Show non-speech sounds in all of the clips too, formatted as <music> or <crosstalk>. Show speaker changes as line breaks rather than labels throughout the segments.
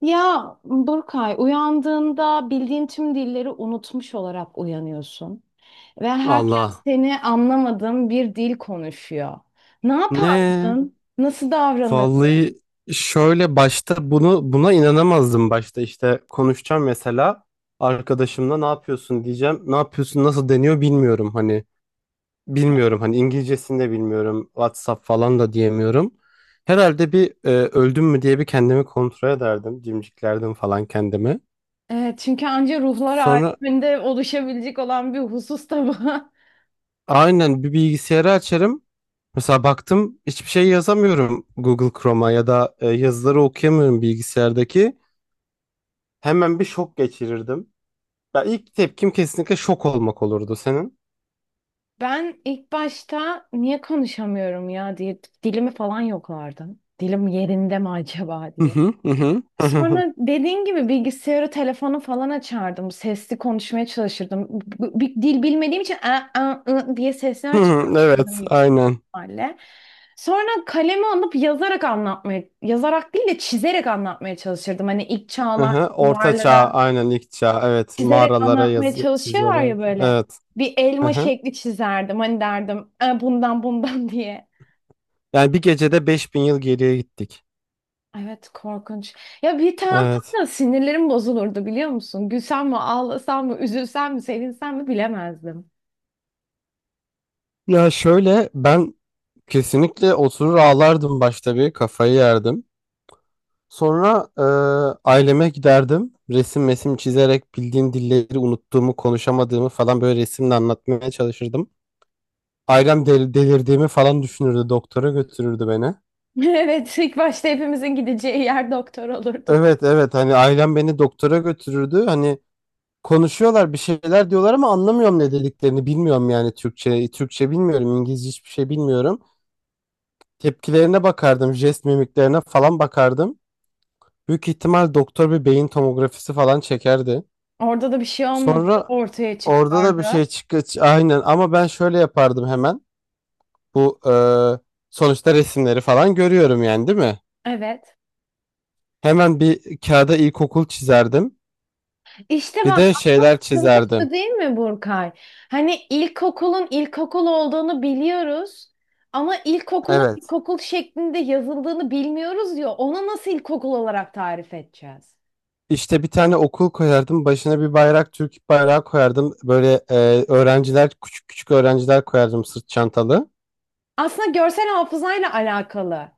Ya Burkay, uyandığında bildiğin tüm dilleri unutmuş olarak uyanıyorsun ve herkes
Allah.
seni anlamadığın bir dil konuşuyor. Ne
Ne?
yapardın? Nasıl davranırdın?
Vallahi şöyle başta bunu buna inanamazdım, başta işte konuşacağım mesela arkadaşımla ne yapıyorsun diyeceğim. Ne yapıyorsun nasıl deniyor bilmiyorum hani İngilizcesini de bilmiyorum, WhatsApp falan da diyemiyorum. Herhalde bir öldüm mü diye bir kendimi kontrol ederdim, cimciklerdim falan kendimi.
Evet, çünkü anca ruhlar
Sonra
aleminde oluşabilecek olan bir husus da bu. <laughs>
aynen bir bilgisayarı açarım. Mesela baktım hiçbir şey yazamıyorum Google Chrome'a ya da yazıları okuyamıyorum bilgisayardaki. Hemen bir şok geçirirdim. Ya ilk tepkim kesinlikle şok olmak olurdu senin.
Ben ilk başta niye konuşamıyorum ya diye dilimi falan yoklardım. Dilim yerinde mi acaba
Hı
diye.
hı hı hı <laughs> hı hı. Hı.
Sonra dediğin gibi bilgisayarı, telefonu falan açardım. Sesli konuşmaya çalışırdım. Bir dil bilmediğim için "a, a, ı" diye
Hı
sesler
hı, evet,
çıkartırdım yüksek
aynen.
ihtimalle. Sonra kalemi alıp yazarak anlatmaya, yazarak değil de çizerek anlatmaya çalışırdım. Hani ilk
Hı
çağlar
hı. Orta çağ,
duvarlara
aynen ilk çağ. Evet,
çizerek
mağaralara
anlatmaya
yazı
çalışıyorlar ya
çiziyorlardı.
böyle.
Evet.
Bir
Hı
elma
hı.
şekli çizerdim. Hani derdim "E, bundan bundan <laughs> diye.
Yani bir gecede 5.000 yıl geriye gittik.
Evet, korkunç. Ya bir taraftan
Evet.
da sinirlerim bozulurdu biliyor musun? Gülsem mi, ağlasam mı, üzülsem mi, sevinsem mi bilemezdim.
Ya şöyle ben kesinlikle oturur ağlardım, başta bir kafayı yerdim. Sonra aileme giderdim. Resim mesim çizerek bildiğim dilleri unuttuğumu, konuşamadığımı falan böyle resimle anlatmaya çalışırdım. Ailem delirdiğimi falan düşünürdü. Doktora götürürdü beni.
<laughs> Evet, ilk başta hepimizin gideceği yer doktor olurdu.
Evet, evet, hani ailem beni doktora götürürdü. Hani konuşuyorlar bir şeyler diyorlar ama anlamıyorum ne dediklerini. Bilmiyorum yani Türkçe. Türkçe bilmiyorum. İngilizce hiçbir şey bilmiyorum. Tepkilerine bakardım. Jest mimiklerine falan bakardım. Büyük ihtimal doktor bir beyin tomografisi falan çekerdi.
Orada da bir şey olmadı
Sonra
ortaya
orada da bir şey
çıkardı.
çıkıyor. Aynen, ama ben şöyle yapardım hemen. Bu sonuçta resimleri falan görüyorum yani, değil mi?
Evet.
Hemen bir kağıda ilkokul çizerdim.
İşte
Bir
bak
de
asıl
şeyler
sıkıntı şu
çizerdim.
değil mi Burkay? Hani ilkokulun ilkokul olduğunu biliyoruz. Ama ilkokulun
Evet.
ilkokul şeklinde yazıldığını bilmiyoruz ya. Onu nasıl ilkokul olarak tarif edeceğiz?
İşte bir tane okul koyardım. Başına bir bayrak, Türk bayrağı koyardım. Böyle öğrenciler, küçük küçük öğrenciler koyardım sırt çantalı.
Aslında görsel hafızayla alakalı.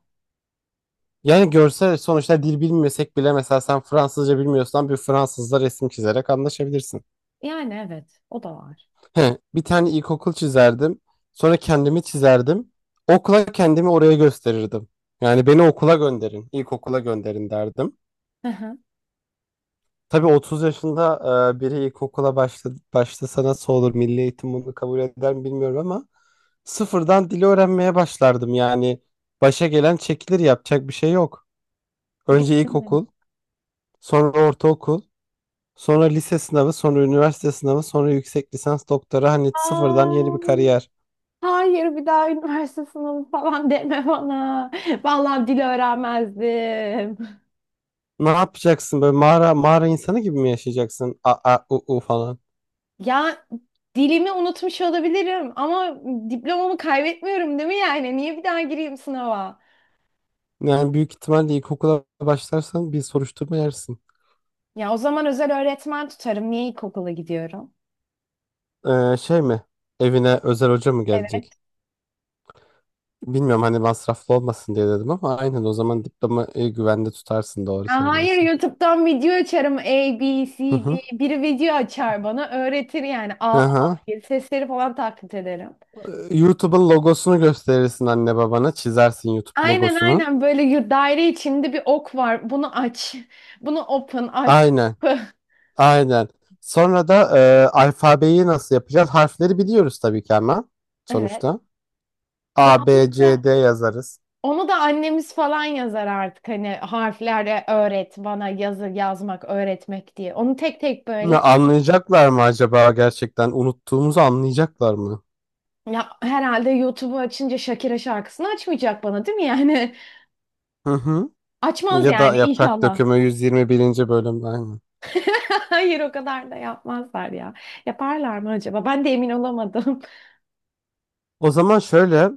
Yani görsel, sonuçta dil bilmesek bile mesela sen Fransızca bilmiyorsan bir Fransızla resim çizerek anlaşabilirsin.
Yani evet, o da var.
He, bir tane ilkokul çizerdim. Sonra kendimi çizerdim. Okula kendimi oraya gösterirdim. Yani beni okula gönderin, ilkokula gönderin derdim.
Hı hı.
Tabii 30 yaşında biri ilkokula başlasa nasıl olur? Milli eğitim bunu kabul eder mi bilmiyorum ama sıfırdan dili öğrenmeye başlardım. Yani başa gelen çekilir, yapacak bir şey yok. Önce
Gördüm.
ilkokul, sonra ortaokul, sonra lise sınavı, sonra üniversite sınavı, sonra yüksek lisans doktora, hani sıfırdan yeni bir
Ay,
kariyer.
hayır, bir daha üniversite sınavı falan deme bana. Vallahi dil öğrenmezdim.
Ne yapacaksın, böyle mağara mağara insanı gibi mi yaşayacaksın? A, a, u, u falan.
Ya dilimi unutmuş olabilirim ama diplomamı kaybetmiyorum değil mi yani? Niye bir daha gireyim sınava?
Yani büyük ihtimalle ilkokula başlarsan bir soruşturma yersin.
Ya o zaman özel öğretmen tutarım. Niye ilkokula gidiyorum?
Şey mi? Evine özel hoca mı gelecek?
Evet.
Bilmiyorum hani masraflı olmasın diye dedim ama aynen, o zaman diploma güvende tutarsın, doğru
Ya hayır,
söylüyorsun.
YouTube'dan video açarım A, B, C,
Hı hı.
D. Biri video açar bana öğretir yani A, A
Aha.
diye sesleri falan taklit ederim.
YouTube'un logosunu gösterirsin, anne babana çizersin YouTube
Aynen
logosunu.
aynen böyle daire içinde bir ok var. Bunu aç. Bunu open aç.
Aynen.
Kapı.
Aynen. Sonra da alfabeyi nasıl yapacağız? Harfleri biliyoruz tabii ki ama
<laughs> Evet.
sonuçta.
Ya
A, B,
onu da
C, D yazarız.
onu da annemiz falan yazar artık hani harflerle öğret bana yazı yazmak öğretmek diye. Onu tek tek
Ne,
böyle
anlayacaklar mı acaba gerçekten? Unuttuğumuzu anlayacaklar mı?
ya herhalde YouTube'u açınca Shakira şarkısını açmayacak bana değil mi yani?
Hı hı.
<laughs> Açmaz
Ya da
yani
Yaprak
inşallah.
Dökümü 121. bölüm aynı.
<laughs> Hayır, o kadar da yapmazlar ya. Yaparlar mı acaba? Ben de emin olamadım. <laughs>
O zaman şöyle,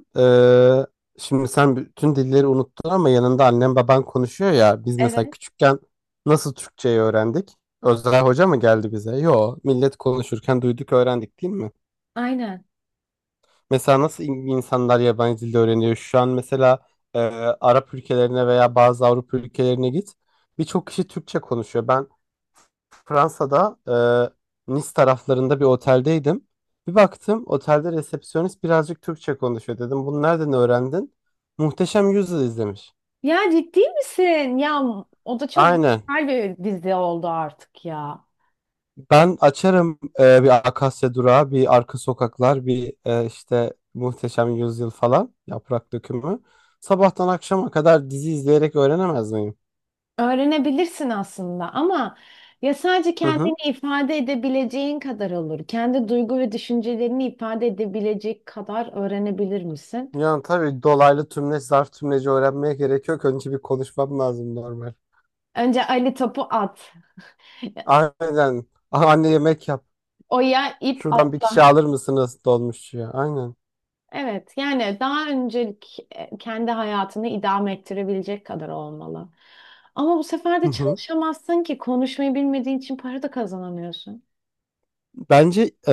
e, şimdi sen bütün dilleri unuttun ama yanında annen baban konuşuyor ya. Biz mesela
Evet.
küçükken nasıl Türkçeyi öğrendik? Özel hoca mı geldi bize? Yo, millet konuşurken duyduk öğrendik, değil mi?
Aynen.
Mesela nasıl insanlar yabancı dilde öğreniyor? Şu an mesela e, Arap ülkelerine veya bazı Avrupa ülkelerine git. Birçok kişi Türkçe konuşuyor. Ben Fransa'da Nice taraflarında bir oteldeydim. Bir baktım otelde resepsiyonist birazcık Türkçe konuşuyor, dedim bunu nereden öğrendin? Muhteşem Yüzyıl izlemiş.
Ya ciddi misin? Ya o da çok
Aynen.
güzel bir dizi oldu artık ya.
Ben açarım bir Akasya Durağı, bir Arka Sokaklar, bir işte Muhteşem Yüzyıl falan, Yaprak Dökümü. Sabahtan akşama kadar dizi izleyerek öğrenemez miyim?
Öğrenebilirsin aslında ama ya sadece
Hı hı.
kendini ifade edebileceğin kadar olur. Kendi duygu ve düşüncelerini ifade edebilecek kadar öğrenebilir misin?
Yani tabii dolaylı tümleç, zarf tümleci öğrenmeye gerek yok. Önce bir konuşmam lazım normal.
Önce Ali topu at.
Aynen. Aha, anne yemek yap.
Oya ip
Şuradan bir kişi
atla.
alır mısınız dolmuşçuya? Aynen.
Evet, yani daha öncelik kendi hayatını idame ettirebilecek kadar olmalı. Ama bu sefer
Hı
de
hı.
çalışamazsın ki konuşmayı bilmediğin için para da kazanamıyorsun.
Bence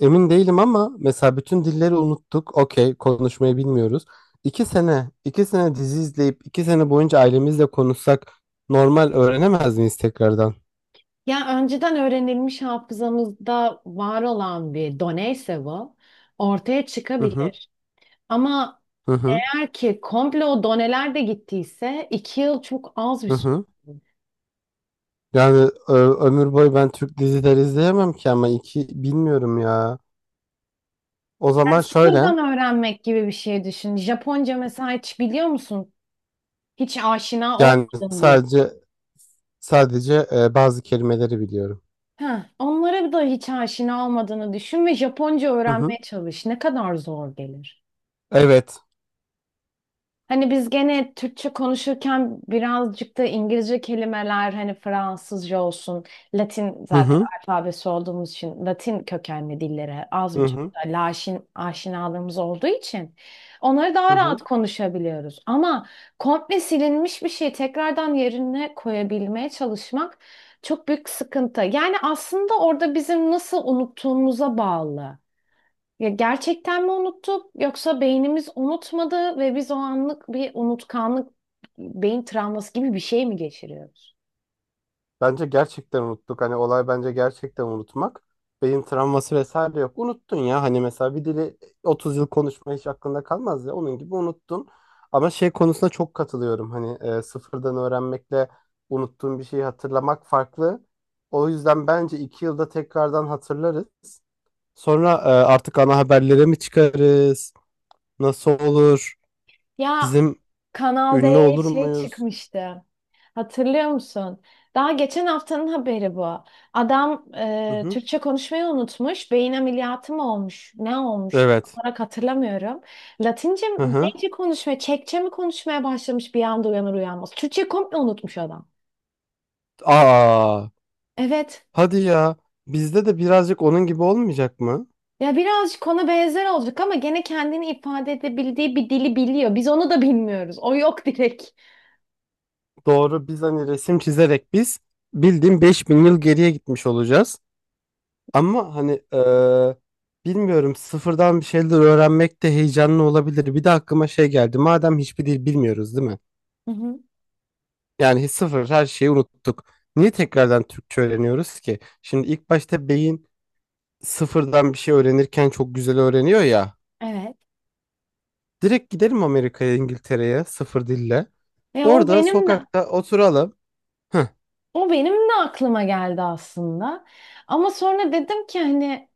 emin değilim ama mesela bütün dilleri unuttuk. Okey, konuşmayı bilmiyoruz. İki sene, iki sene dizi izleyip iki sene boyunca ailemizle konuşsak normal öğrenemez miyiz tekrardan?
Ya önceden öğrenilmiş hafızamızda var olan bir doneyse bu ortaya
Hı hı,
çıkabilir. Ama
hı hı,
eğer ki komple o doneler de gittiyse 2 yıl çok az bir
hı
süre.
hı. Yani ömür boyu ben Türk dizileri izleyemem ki ama iki, bilmiyorum ya. O zaman
Yani
şöyle,
sıfırdan öğrenmek gibi bir şey düşün. Japonca mesela hiç biliyor musun? Hiç aşina
yani
olmadın diye.
sadece bazı kelimeleri biliyorum.
Heh, onlara da hiç aşina olmadığını düşün ve Japonca
Hı hı.
öğrenmeye çalış. Ne kadar zor gelir.
Evet.
Hani biz gene Türkçe konuşurken birazcık da İngilizce kelimeler hani Fransızca olsun, Latin
Hı
zaten
hı.
alfabesi olduğumuz için Latin kökenli dillere az
Hı
buçuk
hı.
da laşin aşinalığımız olduğu için onları
Hı
daha rahat
hı.
konuşabiliyoruz. Ama komple silinmiş bir şeyi tekrardan yerine koyabilmeye çalışmak çok büyük sıkıntı. Yani aslında orada bizim nasıl unuttuğumuza bağlı. Ya gerçekten mi unuttuk yoksa beynimiz unutmadı ve biz o anlık bir unutkanlık, beyin travması gibi bir şey mi geçiriyoruz?
Bence gerçekten unuttuk. Hani olay bence gerçekten unutmak. Beyin travması vesaire yok. Unuttun ya. Hani mesela bir dili 30 yıl konuşma hiç aklında kalmaz ya. Onun gibi unuttun. Ama şey konusunda çok katılıyorum. Hani sıfırdan öğrenmekle unuttuğun bir şeyi hatırlamak farklı. O yüzden bence 2 yılda tekrardan hatırlarız. Sonra artık ana haberlere mi çıkarız? Nasıl olur?
Ya
Bizim
Kanal
ünlü
D'ye
olur
şey
muyuz?
çıkmıştı. Hatırlıyor musun? Daha geçen haftanın haberi bu. Adam
Hı hı.
Türkçe konuşmayı unutmuş. Beyin ameliyatı mı olmuş? Ne olmuş? Tam
Evet.
olarak hatırlamıyorum. Latince
Hı
mi?
hı.
Neyce konuşmaya, Çekçe mi konuşmaya başlamış bir anda uyanır uyanmaz. Türkçe komple unutmuş adam.
Aa.
Evet.
Hadi ya, bizde de birazcık onun gibi olmayacak mı?
Ya birazcık ona benzer olacak ama gene kendini ifade edebildiği bir dili biliyor. Biz onu da bilmiyoruz. O yok direkt.
Doğru, biz hani resim çizerek biz bildiğin 5.000 yıl geriye gitmiş olacağız. Ama hani bilmiyorum, sıfırdan bir şeyler öğrenmek de heyecanlı olabilir. Bir de aklıma şey geldi, madem hiçbir dil bilmiyoruz, değil mi?
Hı hı.
Yani sıfır, her şeyi unuttuk. Niye tekrardan Türkçe öğreniyoruz ki? Şimdi ilk başta beyin sıfırdan bir şey öğrenirken çok güzel öğreniyor ya.
Evet.
Direkt gidelim Amerika'ya, İngiltere'ye sıfır dille.
Ya o
Orada
benim de
sokakta oturalım.
o benim de aklıma geldi aslında. Ama sonra dedim ki hani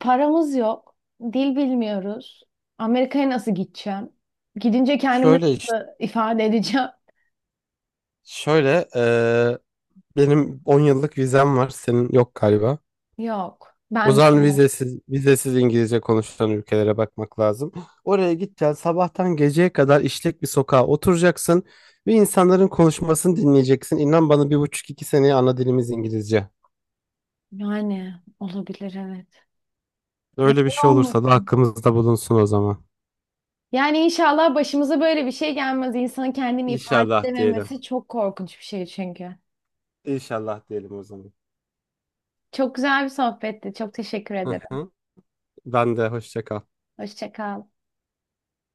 paramız yok. Dil bilmiyoruz. Amerika'ya nasıl gideceğim? Gidince kendimi
Şöyle işte,
nasıl ifade edeceğim? <laughs>
şöyle benim 10 yıllık vizem var, senin yok galiba.
Yok.
O
Ben de
zaman vizesiz, vizesiz İngilizce konuşulan ülkelere bakmak lazım. Oraya gideceksin, sabahtan geceye kadar işlek bir sokağa oturacaksın ve insanların konuşmasını dinleyeceksin. İnan bana bir buçuk iki seneye ana dilimiz İngilizce.
yani olabilir evet.
Öyle bir
Neden
şey olursa da
olmasın?
hakkımızda bulunsun o zaman.
Yani inşallah başımıza böyle bir şey gelmez. İnsanın kendini ifade
İnşallah diyelim.
edememesi çok korkunç bir şey çünkü.
İnşallah diyelim o zaman.
Çok güzel bir sohbetti. Çok teşekkür
Hı
ederim.
hı. Ben de hoşça kal.
Hoşça kal.